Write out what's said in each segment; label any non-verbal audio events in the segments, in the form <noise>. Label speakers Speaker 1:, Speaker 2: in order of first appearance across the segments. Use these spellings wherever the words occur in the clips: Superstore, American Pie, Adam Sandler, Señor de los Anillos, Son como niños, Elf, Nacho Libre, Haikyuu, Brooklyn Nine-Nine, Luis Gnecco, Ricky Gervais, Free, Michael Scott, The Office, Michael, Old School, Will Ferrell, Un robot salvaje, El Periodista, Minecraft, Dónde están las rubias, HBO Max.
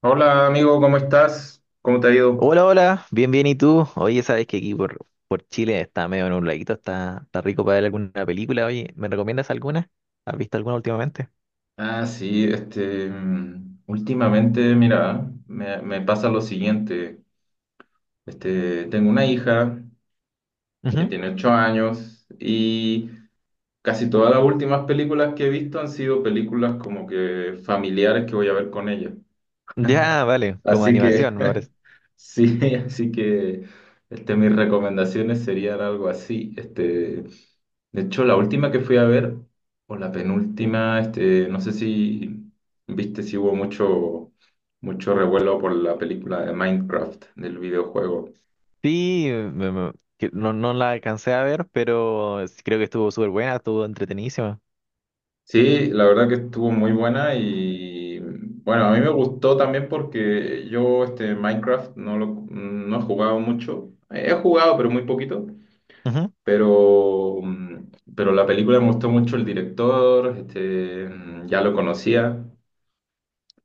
Speaker 1: Hola amigo, ¿cómo estás? ¿Cómo te ha ido?
Speaker 2: Hola, hola, bien, bien, ¿y tú? Oye, sabes que aquí por Chile está medio nubladito, está rico para ver alguna película. Oye, ¿me recomiendas alguna? ¿Has visto alguna últimamente?
Speaker 1: Ah, sí, últimamente, mira, me pasa lo siguiente. Este, tengo una hija que
Speaker 2: Ujú.
Speaker 1: tiene ocho años y casi todas las últimas películas que he visto han sido películas como que familiares que voy a ver con ella.
Speaker 2: Ya, vale, como
Speaker 1: Así que,
Speaker 2: animación, me parece.
Speaker 1: <laughs> sí, así que este, mis recomendaciones serían algo así. Este, de hecho, la última que fui a ver, o la penúltima, este, no sé si viste si hubo mucho revuelo por la película de Minecraft, del videojuego.
Speaker 2: Sí, que no, no la alcancé a ver, pero sí creo que estuvo súper buena, estuvo entretenidísima.
Speaker 1: Sí, la verdad que estuvo muy buena y bueno, a mí me gustó también porque yo este Minecraft no he jugado mucho. He jugado, pero muy poquito.
Speaker 2: Ujú.
Speaker 1: Pero, pero la película me gustó mucho el director, ya lo conocía,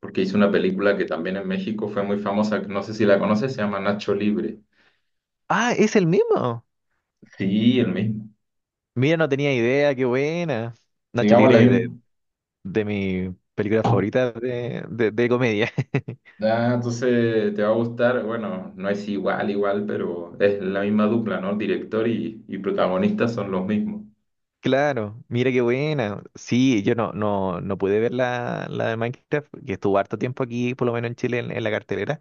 Speaker 1: porque hizo una película que también en México fue muy famosa, no sé si la conoces, se llama Nacho Libre.
Speaker 2: Ah, es el mismo.
Speaker 1: Sí, el mismo.
Speaker 2: Mira, no tenía idea, qué buena. Nacho
Speaker 1: Digamos la
Speaker 2: Libre es de,
Speaker 1: misma.
Speaker 2: de mi película favorita de comedia. <laughs>
Speaker 1: Ah, entonces te va a gustar, bueno, no es igual, igual, pero es la misma dupla, ¿no? Director y protagonista son los mismos.
Speaker 2: Claro, mira qué buena. Sí, yo no, no, no pude ver la de Minecraft, que estuvo harto tiempo aquí, por lo menos en Chile, en la cartelera,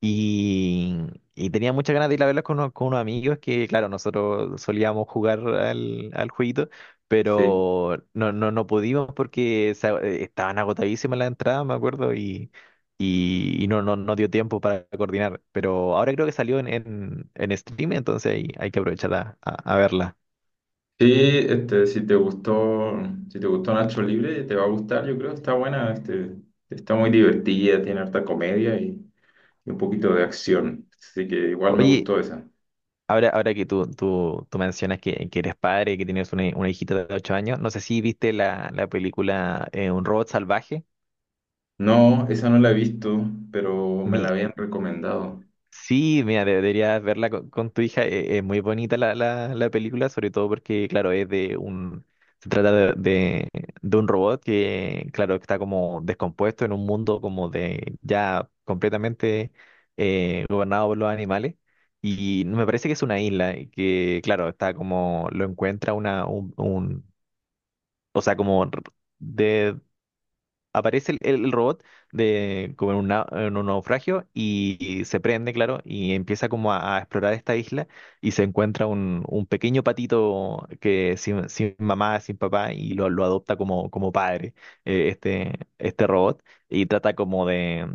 Speaker 2: y, y tenía muchas ganas de ir a verla con, con unos amigos que, claro, nosotros solíamos jugar al jueguito,
Speaker 1: Sí.
Speaker 2: pero no, no, no pudimos porque estaban agotadísimas las entradas, me acuerdo, y no, no, no dio tiempo para coordinar. Pero ahora creo que salió en stream, entonces ahí hay que aprovechar a verla.
Speaker 1: Sí, este, si te gustó, si te gustó Nacho Libre, te va a gustar, yo creo, está buena, este, está muy divertida, tiene harta comedia y un poquito de acción, así que igual me
Speaker 2: Oye,
Speaker 1: gustó esa.
Speaker 2: ahora que tú mencionas que eres padre, que tienes una hijita de 8 años, no sé si viste la película Un robot salvaje.
Speaker 1: No, esa no la he visto, pero me la
Speaker 2: Mi,
Speaker 1: habían recomendado.
Speaker 2: Sí, mira, deberías verla con tu hija. Es muy bonita la película, sobre todo porque, claro, es de un... Se trata de un robot que, claro, está como descompuesto en un mundo como de ya completamente gobernado por los animales. Y me parece que es una isla y que, claro, está como... Lo encuentra un O sea, como de, aparece el robot de, como en un naufragio y se prende, claro, y empieza como a explorar esta isla y se encuentra un pequeño patito que sin, sin mamá, sin papá y lo adopta como, como padre, eh, este, este robot, y trata como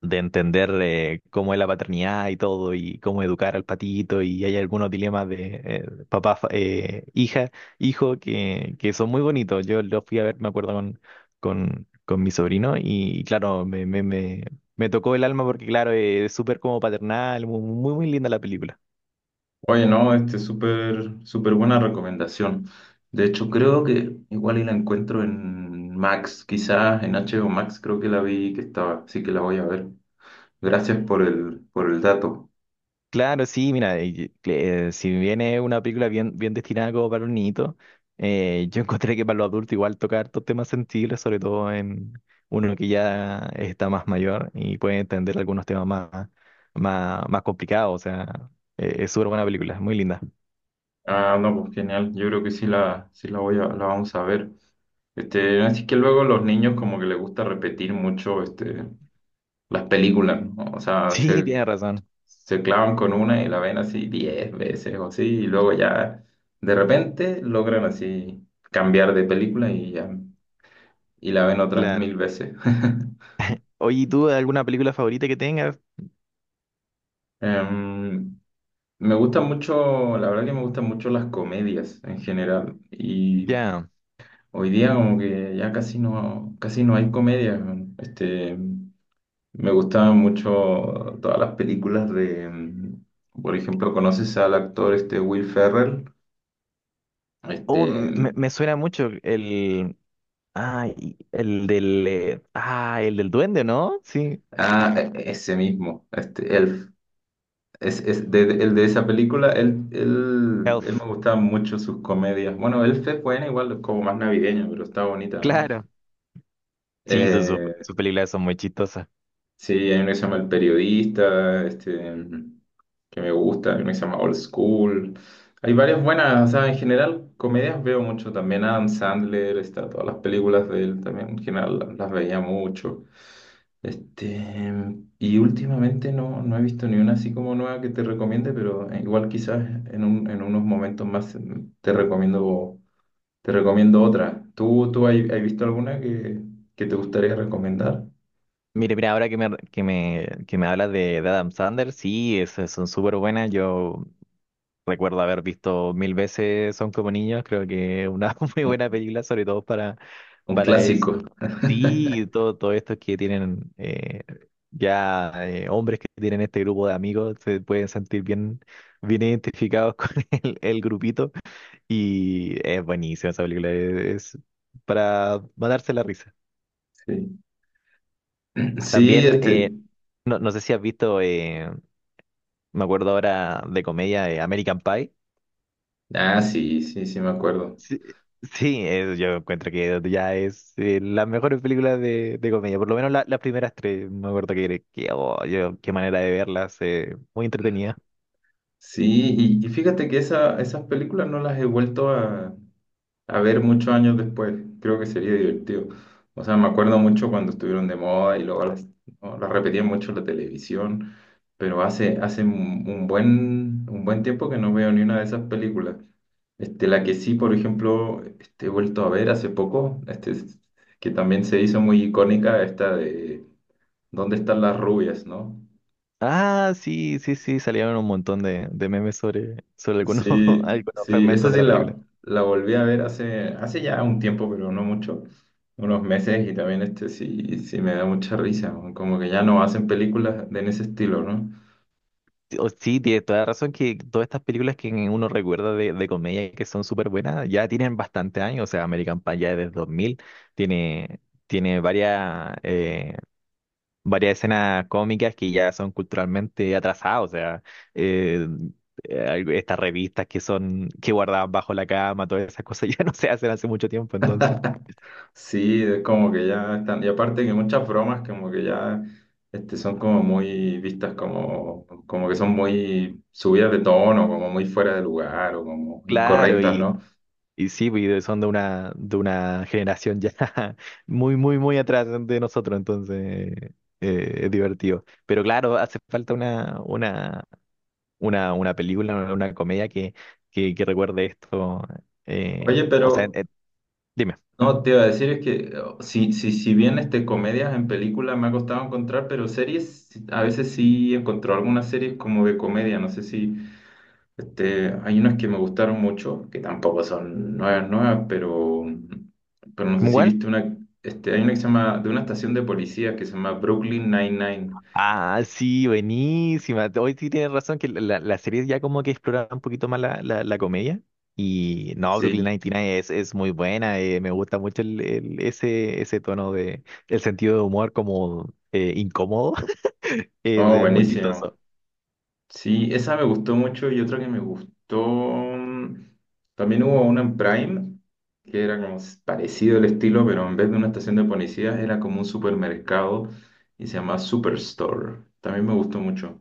Speaker 2: de entender cómo es la paternidad y todo, y cómo educar al patito, y hay algunos dilemas de papá, hija, hijo, que son muy bonitos. Yo los fui a ver, me acuerdo, con mi sobrino, y, claro, me tocó el alma porque, claro, es súper como paternal, muy linda la película.
Speaker 1: Oye, no, este, súper, súper buena recomendación. De hecho, creo que igual y la encuentro en Max, quizás en HBO Max creo que la vi que estaba, así que la voy a ver. Gracias por el dato.
Speaker 2: Claro, sí, mira, si viene una película bien, bien destinada como para los niñitos, yo <laughs> encontré que para los adultos igual toca hartos temas sensibles, sobre todo en uno que ya está más mayor y puede entender algunos temas más complicados, o sea, es súper buena película, es muy linda. <laughs>
Speaker 1: Ah, no, pues genial. Yo creo que sí la voy a, la vamos a ver. Este, así que luego los niños como que les gusta repetir mucho este, las películas, ¿no? O sea,
Speaker 2: Sí,
Speaker 1: se,
Speaker 2: tienes razón,
Speaker 1: se clavan con una y la ven así 10 veces o así, y luego ya de repente logran así cambiar de película y ya, y la ven otras
Speaker 2: claro.
Speaker 1: mil veces. <laughs>
Speaker 2: Oye, ¿y tú alguna película favorita que tengas?
Speaker 1: Em, Me gusta mucho, la verdad que me gustan mucho las comedias en general. Y
Speaker 2: Ya.
Speaker 1: hoy día como que ya casi no hay comedia. Weón. Este, me gustaban mucho todas las películas de, por ejemplo, ¿conoces al actor este Will Ferrell?
Speaker 2: Oh,
Speaker 1: Este,
Speaker 2: me, me suena mucho el... Ah, el del... el del duende, ¿no? Sí,
Speaker 1: ese mismo, este Elf. Es, el de esa película, él
Speaker 2: Elf.
Speaker 1: me gustaba mucho sus comedias. Bueno, Elf es buena, igual como más navideña, pero está bonita, ¿no?
Speaker 2: Claro. Sí,
Speaker 1: Eh,
Speaker 2: su películas son muy chistosas.
Speaker 1: Sí, hay uno que se llama El Periodista, este, que me gusta, hay uno que se llama Old School. Hay varias buenas, o sea, en general comedias veo mucho también. Adam Sandler, está, todas las películas de él también en general las veía mucho. Este, y últimamente no he visto ni una así como nueva que te recomiende, pero igual quizás en unos momentos más te recomiendo, te recomiendo otra. ¿Tú has visto alguna que te gustaría recomendar?
Speaker 2: Mira, ahora que que me hablas de Adam Sandler, sí, esas son súper buenas. Yo recuerdo haber visto mil veces Son como niños. Creo que es una <laughs> muy
Speaker 1: Un
Speaker 2: buena película, sobre todo para,
Speaker 1: un
Speaker 2: para es,
Speaker 1: clásico. <laughs>
Speaker 2: sí, todo, todo esto que tienen ya hombres que tienen este grupo de amigos se pueden sentir bien, bien identificados <laughs> con el grupito. Y es buenísima esa película. Es para matarse la risa.
Speaker 1: Sí, sí,
Speaker 2: También, no, no sé si has visto, me acuerdo ahora de comedia, American Pie.
Speaker 1: ah, sí, me acuerdo.
Speaker 2: Sí, sí, yo encuentro que ya es las mejores películas de comedia, por lo menos las primeras tres, me acuerdo que oh, yo, qué manera de verlas, muy entretenida.
Speaker 1: Sí, y fíjate que esas películas no las he vuelto a ver muchos años después. Creo que sería divertido. O sea, me acuerdo mucho cuando estuvieron de moda y luego no, las repetían mucho en la televisión, pero hace un un buen tiempo que no veo ni una de esas películas. Este, la que sí, por ejemplo, este, he vuelto a ver hace poco, este, que también se hizo muy icónica, esta de ¿Dónde están las rubias, no?
Speaker 2: Ah, sí, sí, sí, salieron un montón de memes sobre, sobre algunos, <laughs>
Speaker 1: Sí,
Speaker 2: algunos
Speaker 1: sí,
Speaker 2: fragmentos de la película.
Speaker 1: la volví a ver hace ya un tiempo, pero no mucho, unos meses, y también este sí, sí me da mucha risa, ¿no? Como que ya no hacen películas de en ese estilo, ¿no?
Speaker 2: Sí, tiene toda la razón que todas estas películas que uno recuerda de comedia que son súper buenas ya tienen bastante años, o sea, American Pie ya desde 2000 tiene, tiene varias, varias escenas cómicas que ya son culturalmente atrasadas, o sea, eh, eh, estas revistas que son, que guardaban bajo la cama, todas esas cosas <laughs> ya no se hacen hace mucho tiempo, entonces.
Speaker 1: Sí, es como que ya están, y aparte que muchas bromas como que ya este, son como muy vistas como, como que son muy subidas de tono, como muy fuera de lugar o como
Speaker 2: Claro,
Speaker 1: incorrectas,
Speaker 2: y,
Speaker 1: ¿no?
Speaker 2: Y sí, güey, son de una generación ya <laughs> muy, muy, muy atrás de nosotros, entonces es divertido. Pero claro, hace falta una película, una comedia que recuerde esto. eh,
Speaker 1: Oye,
Speaker 2: o sea,
Speaker 1: pero
Speaker 2: eh, dime,
Speaker 1: no, te iba a decir es que si bien este, comedias en películas me ha costado encontrar, pero series sí, a veces sí encontré algunas series como de comedia. No sé si este, hay unas que me gustaron mucho, que tampoco son nuevas, nuevas, pero no sé
Speaker 2: ¿cómo
Speaker 1: si
Speaker 2: cuál?
Speaker 1: viste una, este, hay una que se llama, de una estación de policía que se llama Brooklyn Nine-Nine.
Speaker 2: Ah, sí, buenísima. Hoy sí tienes razón que la serie ya como que exploraba un poquito más la comedia. Y no, Brooklyn
Speaker 1: Sí,
Speaker 2: Nine-Nine es muy buena. Me gusta mucho ese, ese tono de, el sentido de humor como incómodo. <laughs> Es,
Speaker 1: oh,
Speaker 2: muy
Speaker 1: buenísimo.
Speaker 2: chistoso.
Speaker 1: Sí, esa me gustó mucho y otra que me gustó. También hubo una en Prime, que era como parecido el estilo, pero en vez de una estación de policías era como un supermercado y se llamaba Superstore. También me gustó mucho.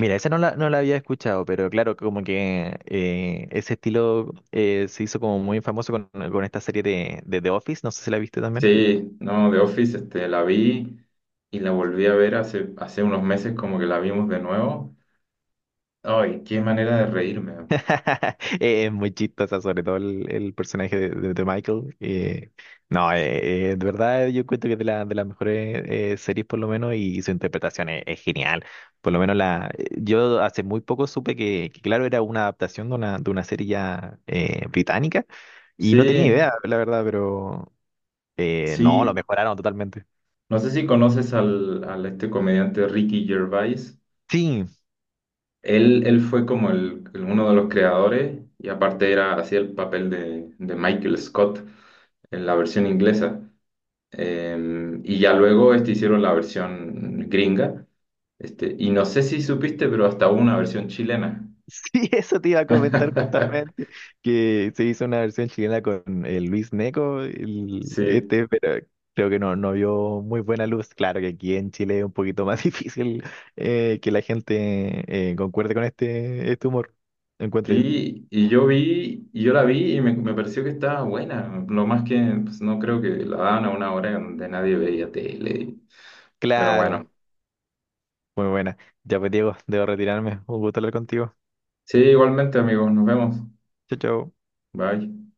Speaker 2: Mira, esa no la había escuchado, pero claro, como que ese estilo se hizo como muy famoso con esta serie de The Office. No sé si la viste también.
Speaker 1: Sí, no, The Office, este, la vi y la volví a ver hace unos meses, como que la vimos de nuevo. Ay, qué manera de reírme.
Speaker 2: <laughs> Es muy chistosa, sobre todo el personaje de Michael. No, De verdad yo cuento que es de, de las mejores series por lo menos y su interpretación es genial. Por lo menos yo hace muy poco supe que, claro, era una adaptación de una serie ya británica y no tenía
Speaker 1: Sí,
Speaker 2: idea, la verdad, pero no, lo
Speaker 1: sí,
Speaker 2: mejoraron totalmente.
Speaker 1: no sé si conoces al, al este comediante Ricky Gervais.
Speaker 2: Sí,
Speaker 1: Él fue como uno de los creadores y aparte era hacía el papel de Michael Scott en la versión inglesa. Y ya luego este, hicieron la versión gringa. Este, y no sé si supiste, pero hasta hubo una versión chilena.
Speaker 2: Sí, eso te iba a comentar
Speaker 1: <laughs>
Speaker 2: justamente, que se hizo una versión chilena con Luis Gnecco, el,
Speaker 1: Sí,
Speaker 2: este, pero creo que no, no vio muy buena luz. Claro que aquí en Chile es un poquito más <laughs> difícil que la gente concuerde con este, este humor, encuentro yo.
Speaker 1: sí, y yo la vi y me pareció que estaba buena. Lo más que pues, no creo que la daban a una hora donde nadie veía tele. Pero bueno,
Speaker 2: Claro, muy buena. Ya pues Diego, debo retirarme. Un gusto hablar contigo.
Speaker 1: sí, igualmente amigos, nos vemos.
Speaker 2: Chao, chao.
Speaker 1: Bye.